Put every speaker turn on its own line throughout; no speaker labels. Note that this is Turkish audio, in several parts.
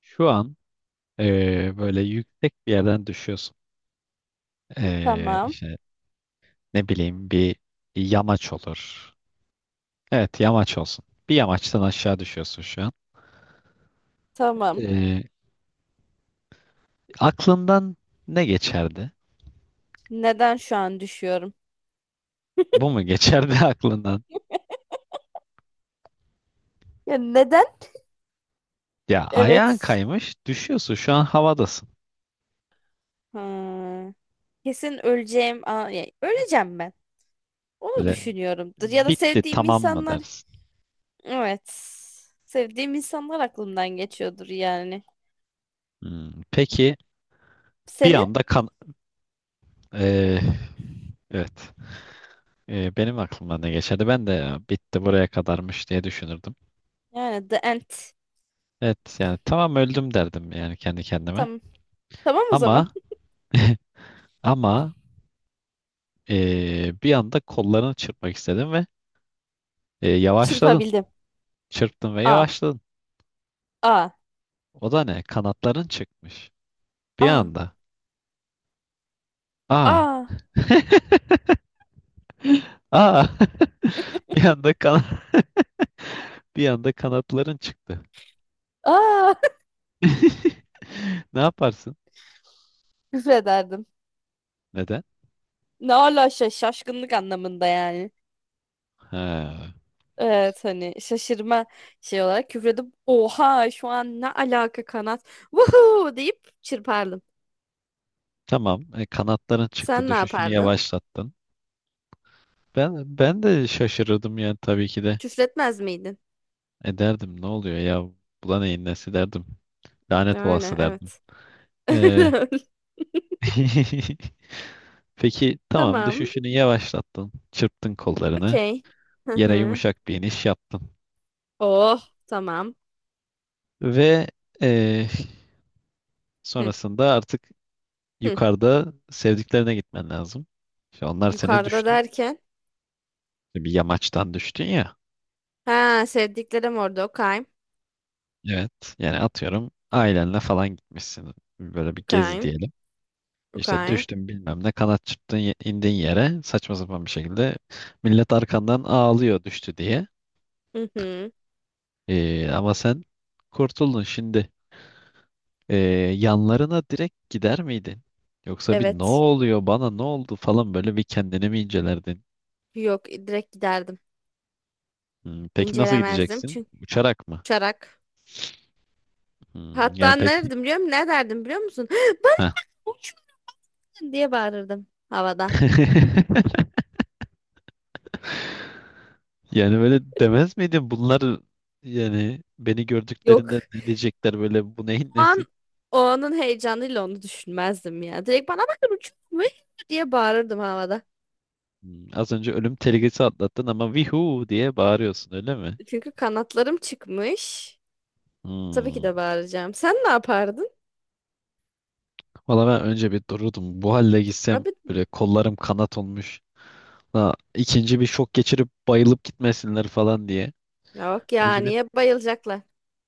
Şu an böyle yüksek bir yerden düşüyorsun.
Tamam.
İşte ne bileyim bir yamaç olur. Evet, yamaç olsun. Bir yamaçtan aşağı düşüyorsun şu an.
Tamam.
Eee, aklından ne geçerdi?
Neden şu an düşüyorum?
Bu mu geçerdi aklından?
Ya neden?
Ya ayağın
Evet.
kaymış, düşüyorsun, şu an havadasın.
Ha, kesin öleceğim. Aa, ya, öleceğim ben. Onu
Böyle
düşünüyorumdur. Ya da
bitti,
sevdiğim
tamam mı
insanlar.
dersin?
Evet. Sevdiğim insanlar aklımdan geçiyordur yani.
Hmm, peki bir
Senin?
anda eee, evet. Benim aklımdan ne geçerdi? Ben de "Ya bitti, buraya kadarmış" diye düşünürdüm.
Yani The End.
Evet, yani tamam öldüm derdim yani kendi kendime.
Tamam. Tamam o
Ama
zaman.
ama bir anda kollarını çırpmak istedim ve yavaşladın.
Çırpabildim.
Çırptın ve
A.
yavaşladın.
A.
O da ne? Kanatların çıkmış. Bir
A.
anda. Aa.
A.
Aa. Bir anda bir anda kanatların çıktı.
A.
Ne yaparsın?
Küfrederdim.
Neden?
Ne ala şaşkınlık anlamında yani.
Ha.
Evet, hani şaşırma şey olarak küfredip oha şu an ne alaka kanat, vuhuu deyip çırpardım.
Tamam. E, kanatların çıktı.
Sen ne
Düşüşünü
yapardın?
yavaşlattın. Ben de şaşırırdım yani tabii ki de.
Küfretmez miydin?
Ederdim, ne oluyor ya? Buna neyin nesi derdim. Lanet
Yani
olası derdim.
evet.
Ee, peki tamam,
Tamam.
düşüşünü yavaşlattın. Çırptın kollarını.
Okey. Hı
Yere
hı.
yumuşak bir iniş yaptın.
Oh tamam.
Ve ee,
Hı,
sonrasında artık
hı.
yukarıda sevdiklerine gitmen lazım. İşte onlar seni
Yukarıda
düştü.
derken?
Bir yamaçtan düştün ya.
Ha, sevdiklerim orada. Okey.
Evet. Yani atıyorum, ailenle falan gitmişsin. Böyle bir gezi
Okey.
diyelim. İşte
Okey.
düştün, bilmem ne, kanat çırptın, indin yere saçma sapan bir şekilde, millet arkandan ağlıyor düştü diye.
Hı hı.
Ama sen kurtuldun şimdi. Ee, yanlarına direkt gider miydin? Yoksa bir ne
Evet.
oluyor, bana ne oldu falan, böyle bir kendini mi incelerdin?
Yok, direkt giderdim.
Hmm, peki nasıl
İncelemezdim
gideceksin?
çünkü
Uçarak mı?
uçarak.
Hmm, yani
Hatta ne
peki.
derdim biliyor musun? Ne derdim biliyor musun? Bana
Heh.
uçmadın diye bağırırdım havada.
Yani böyle demez miydin, bunlar yani beni gördüklerinde
Yok.
ne diyecekler, böyle bu neyin
O an,
nesi?
o anın heyecanıyla onu düşünmezdim ya. Direkt bana bakın uçuyor diye bağırırdım havada.
Hmm, az önce ölüm tehlikesi atlattın ama vihu diye bağırıyorsun, öyle mi?
Çünkü kanatlarım çıkmış. Tabii ki
Hmm.
de bağıracağım. Sen ne yapardın?
Valla ben önce bir dururdum. Bu halde gitsem
Abi
böyle, kollarım kanat olmuş. Ha, ikinci bir şok geçirip bayılıp gitmesinler falan diye.
yok ya,
Önce bir
niye bayılacaklar?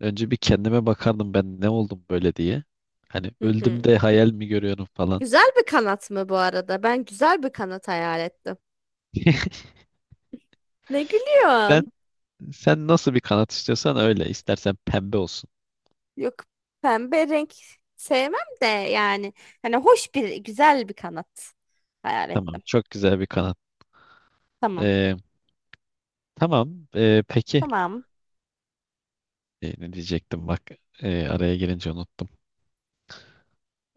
önce bir kendime bakardım, ben ne oldum böyle diye. Hani
Hı
öldüm
hı.
de hayal mi görüyorum falan.
Güzel bir kanat mı bu arada? Ben güzel bir kanat hayal ettim. Ne
Sen
gülüyorsun?
sen nasıl bir kanat istiyorsan öyle. İstersen pembe olsun.
Yok, pembe renk sevmem de yani, hani hoş bir, güzel bir kanat hayal
Tamam,
ettim.
çok güzel bir kanat.
Tamam.
Ee, tamam. Peki
Tamam.
Ne diyecektim bak. Araya girince unuttum.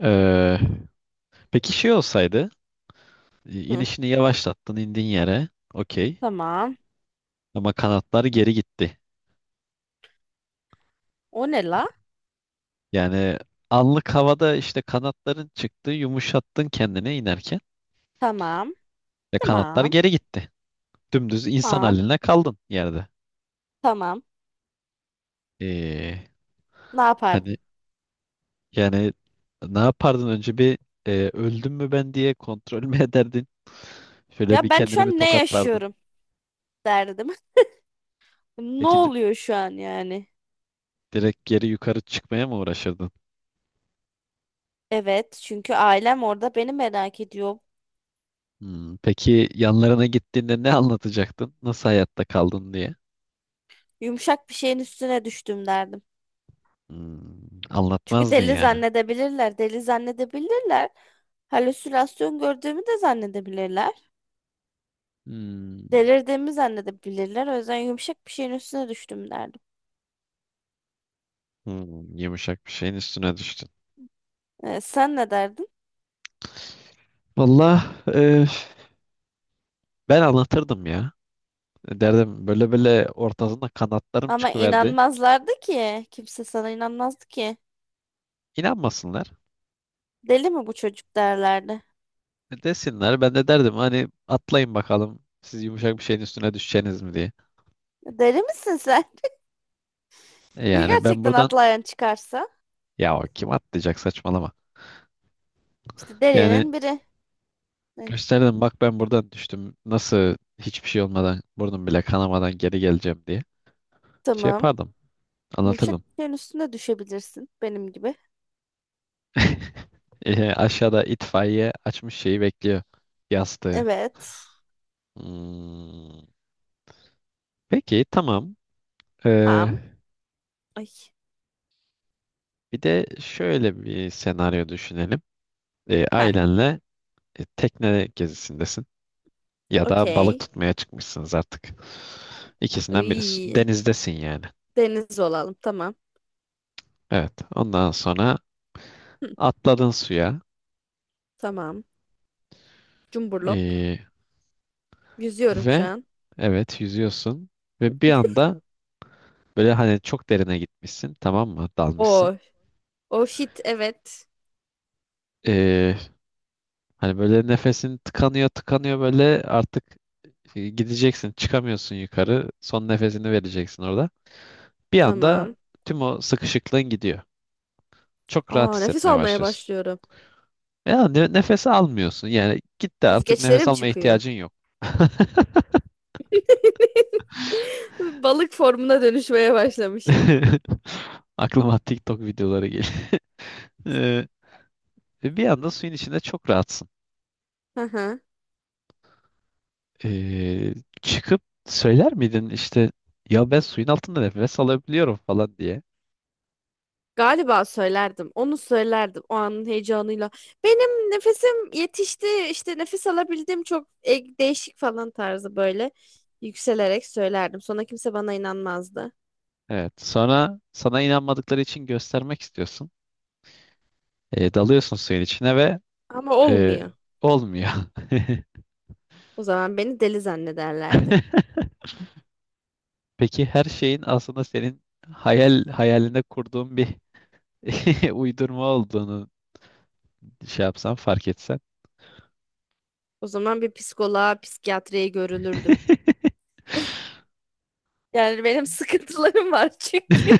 Ee, peki şey olsaydı,
Hı,
inişini yavaşlattın, indin yere, okey.
tamam.
Ama kanatları geri gitti.
O ne la?
Yani anlık havada, işte kanatların çıktı, yumuşattın kendine inerken
Tamam.
ve kanatlar
Tamam.
geri gitti. Dümdüz insan
Tamam.
haline kaldın yerde.
Tamam.
Ee,
Ne
hani
yapardın?
yani ne yapardın, önce bir öldüm mü ben diye kontrol mü ederdin? Şöyle bir
Ya ben şu
kendini bir
an ne
tokatlardın.
yaşıyorum derdim. Ne
Peki
oluyor şu an yani?
direkt geri yukarı çıkmaya mı uğraşırdın?
Evet, çünkü ailem orada beni merak ediyor.
Hmm, peki yanlarına gittiğinde ne anlatacaktın? Nasıl hayatta kaldın diye?
Yumuşak bir şeyin üstüne düştüm derdim.
Hmm,
Çünkü
anlatmazdın
deli
yani.
zannedebilirler, deli zannedebilirler. Halüsinasyon gördüğümü de zannedebilirler.
Hmm,
Delirdiğimi zannedebilirler. O yüzden yumuşak bir şeyin üstüne düştüm derdim.
hmm, yumuşak bir şeyin üstüne düştün.
Sen ne derdin?
Vallahi e, ben anlatırdım ya. E, derdim böyle böyle, ortasında kanatlarım
Ama
çıkıverdi.
inanmazlardı ki. Kimse sana inanmazdı ki.
İnanmasınlar.
Deli mi bu çocuk derlerdi.
E, desinler. Ben de derdim hani, atlayın bakalım. Siz yumuşak bir şeyin üstüne düşeceğiniz mi diye.
Deli misin sen?
E,
Ya
yani ben
gerçekten
buradan,
atlayan çıkarsa?
ya o kim atlayacak, saçmalama.
İşte
Yani
delinin biri. Ay,
gösterdim, bak ben buradan düştüm. Nasıl hiçbir şey olmadan, burnum bile kanamadan geri geleceğim diye. Şey
tamam.
yapardım.
Yumuşak
Anlatırdım.
bir şeyin üstüne düşebilirsin. Benim gibi.
E, aşağıda itfaiye açmış şeyi bekliyor. Yastığı.
Evet.
Hmm. Peki tamam. Ee,
Tamam. Ay.
bir de şöyle bir senaryo düşünelim.
Heh.
Ailenle tekne gezisindesin. Ya da balık
Okey.
tutmaya çıkmışsınız artık. İkisinden biri.
Iy.
Denizdesin yani.
Deniz olalım. Tamam.
Evet. Ondan sonra
Hı,
atladın suya.
tamam. Cumburlop.
Ee,
Yüzüyorum şu
Ve
an.
evet, yüzüyorsun ve bir anda böyle hani çok derine gitmişsin, tamam mı, dalmışsın.
O O shit, evet.
Ee, hani böyle nefesin tıkanıyor tıkanıyor böyle, artık gideceksin, çıkamıyorsun yukarı, son nefesini vereceksin orada. Bir anda
Tamam.
tüm o sıkışıklığın gidiyor. Çok rahat
Aa, nefes
hissetmeye
almaya
başlıyorsun.
başlıyorum.
Ya nefes almıyorsun yani, gitti artık, nefes
Yüzgeçlerim
almaya
çıkıyor.
ihtiyacın yok.
Balık formuna dönüşmeye başlamışım.
Aklıma TikTok videoları geliyor. Ee, bir anda suyun içinde çok rahatsın.
Hı hı.
Ee, çıkıp söyler miydin işte, ya ben suyun altında nefes alabiliyorum falan diye.
Galiba söylerdim. Onu söylerdim o anın heyecanıyla. Benim nefesim yetişti. İşte nefes alabildim, çok değişik falan tarzı, böyle yükselerek söylerdim. Sonra kimse bana inanmazdı.
Evet. Sonra sana inanmadıkları için göstermek istiyorsun. Dalıyorsun suyun içine ve
Ama
e,
olmuyor.
olmuyor.
O zaman beni deli zannederlerdi.
Peki her şeyin aslında senin hayalinde kurduğun bir uydurma olduğunu şey yapsan, fark etsen.
O zaman bir psikoloğa, psikiyatriye görünürdüm. Yani benim sıkıntılarım var çünkü.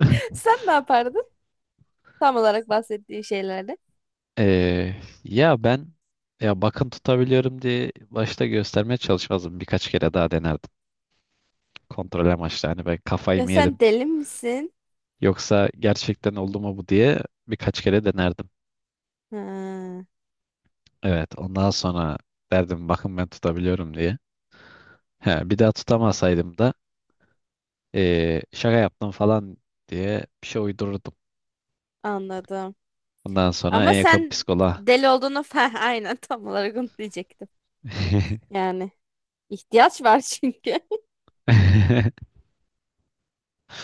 Sen ne yapardın? Tam olarak bahsettiğin şeylerde.
Ee, ya ben, ya bakın tutabiliyorum diye başta göstermeye çalışmazdım. Birkaç kere daha denerdim. Kontrol amaçlı, hani ben kafayı
Ya
mı
sen
yedim
deli misin?
yoksa gerçekten oldu mu bu diye birkaç kere denerdim.
Ha,
Evet, ondan sonra derdim, bakın ben tutabiliyorum diye. He, bir daha tutamasaydım da şaka yaptım falan diye bir şey uydururdum.
anladım.
Ondan sonra
Ama
en yakın
sen
psikoloğa.
deli olduğunu falan, aynen tam olarak onu diyecektim. Yani ihtiyaç var çünkü.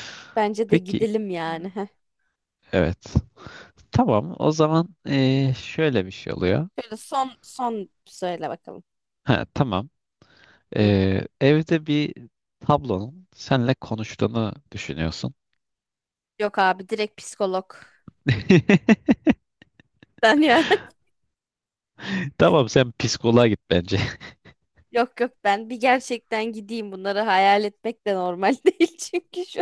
Bence de
Peki,
gidelim yani. Heh.
evet, tamam o zaman, şöyle bir şey oluyor.
Şöyle son son söyle bakalım.
Ha, tamam.
Hı.
Evde bir tablonun seninle konuştuğunu düşünüyorsun.
Yok abi, direkt psikolog. Ben ya.
Tamam, sen psikoloğa git bence.
Yok yok, ben bir gerçekten gideyim, bunları hayal etmek de normal değil çünkü şu,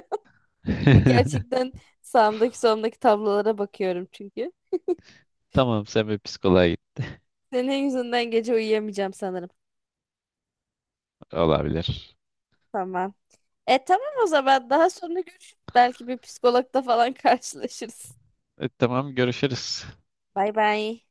hani gerçekten sağımdaki solumdaki tablolara bakıyorum çünkü.
Tamam, sen bir psikoloğa git,
Senin yüzünden gece uyuyamayacağım sanırım.
olabilir.
Tamam. E tamam, o zaman daha sonra görüşürüz. Belki bir psikologla falan karşılaşırız.
E, tamam, görüşürüz.
Bay bay.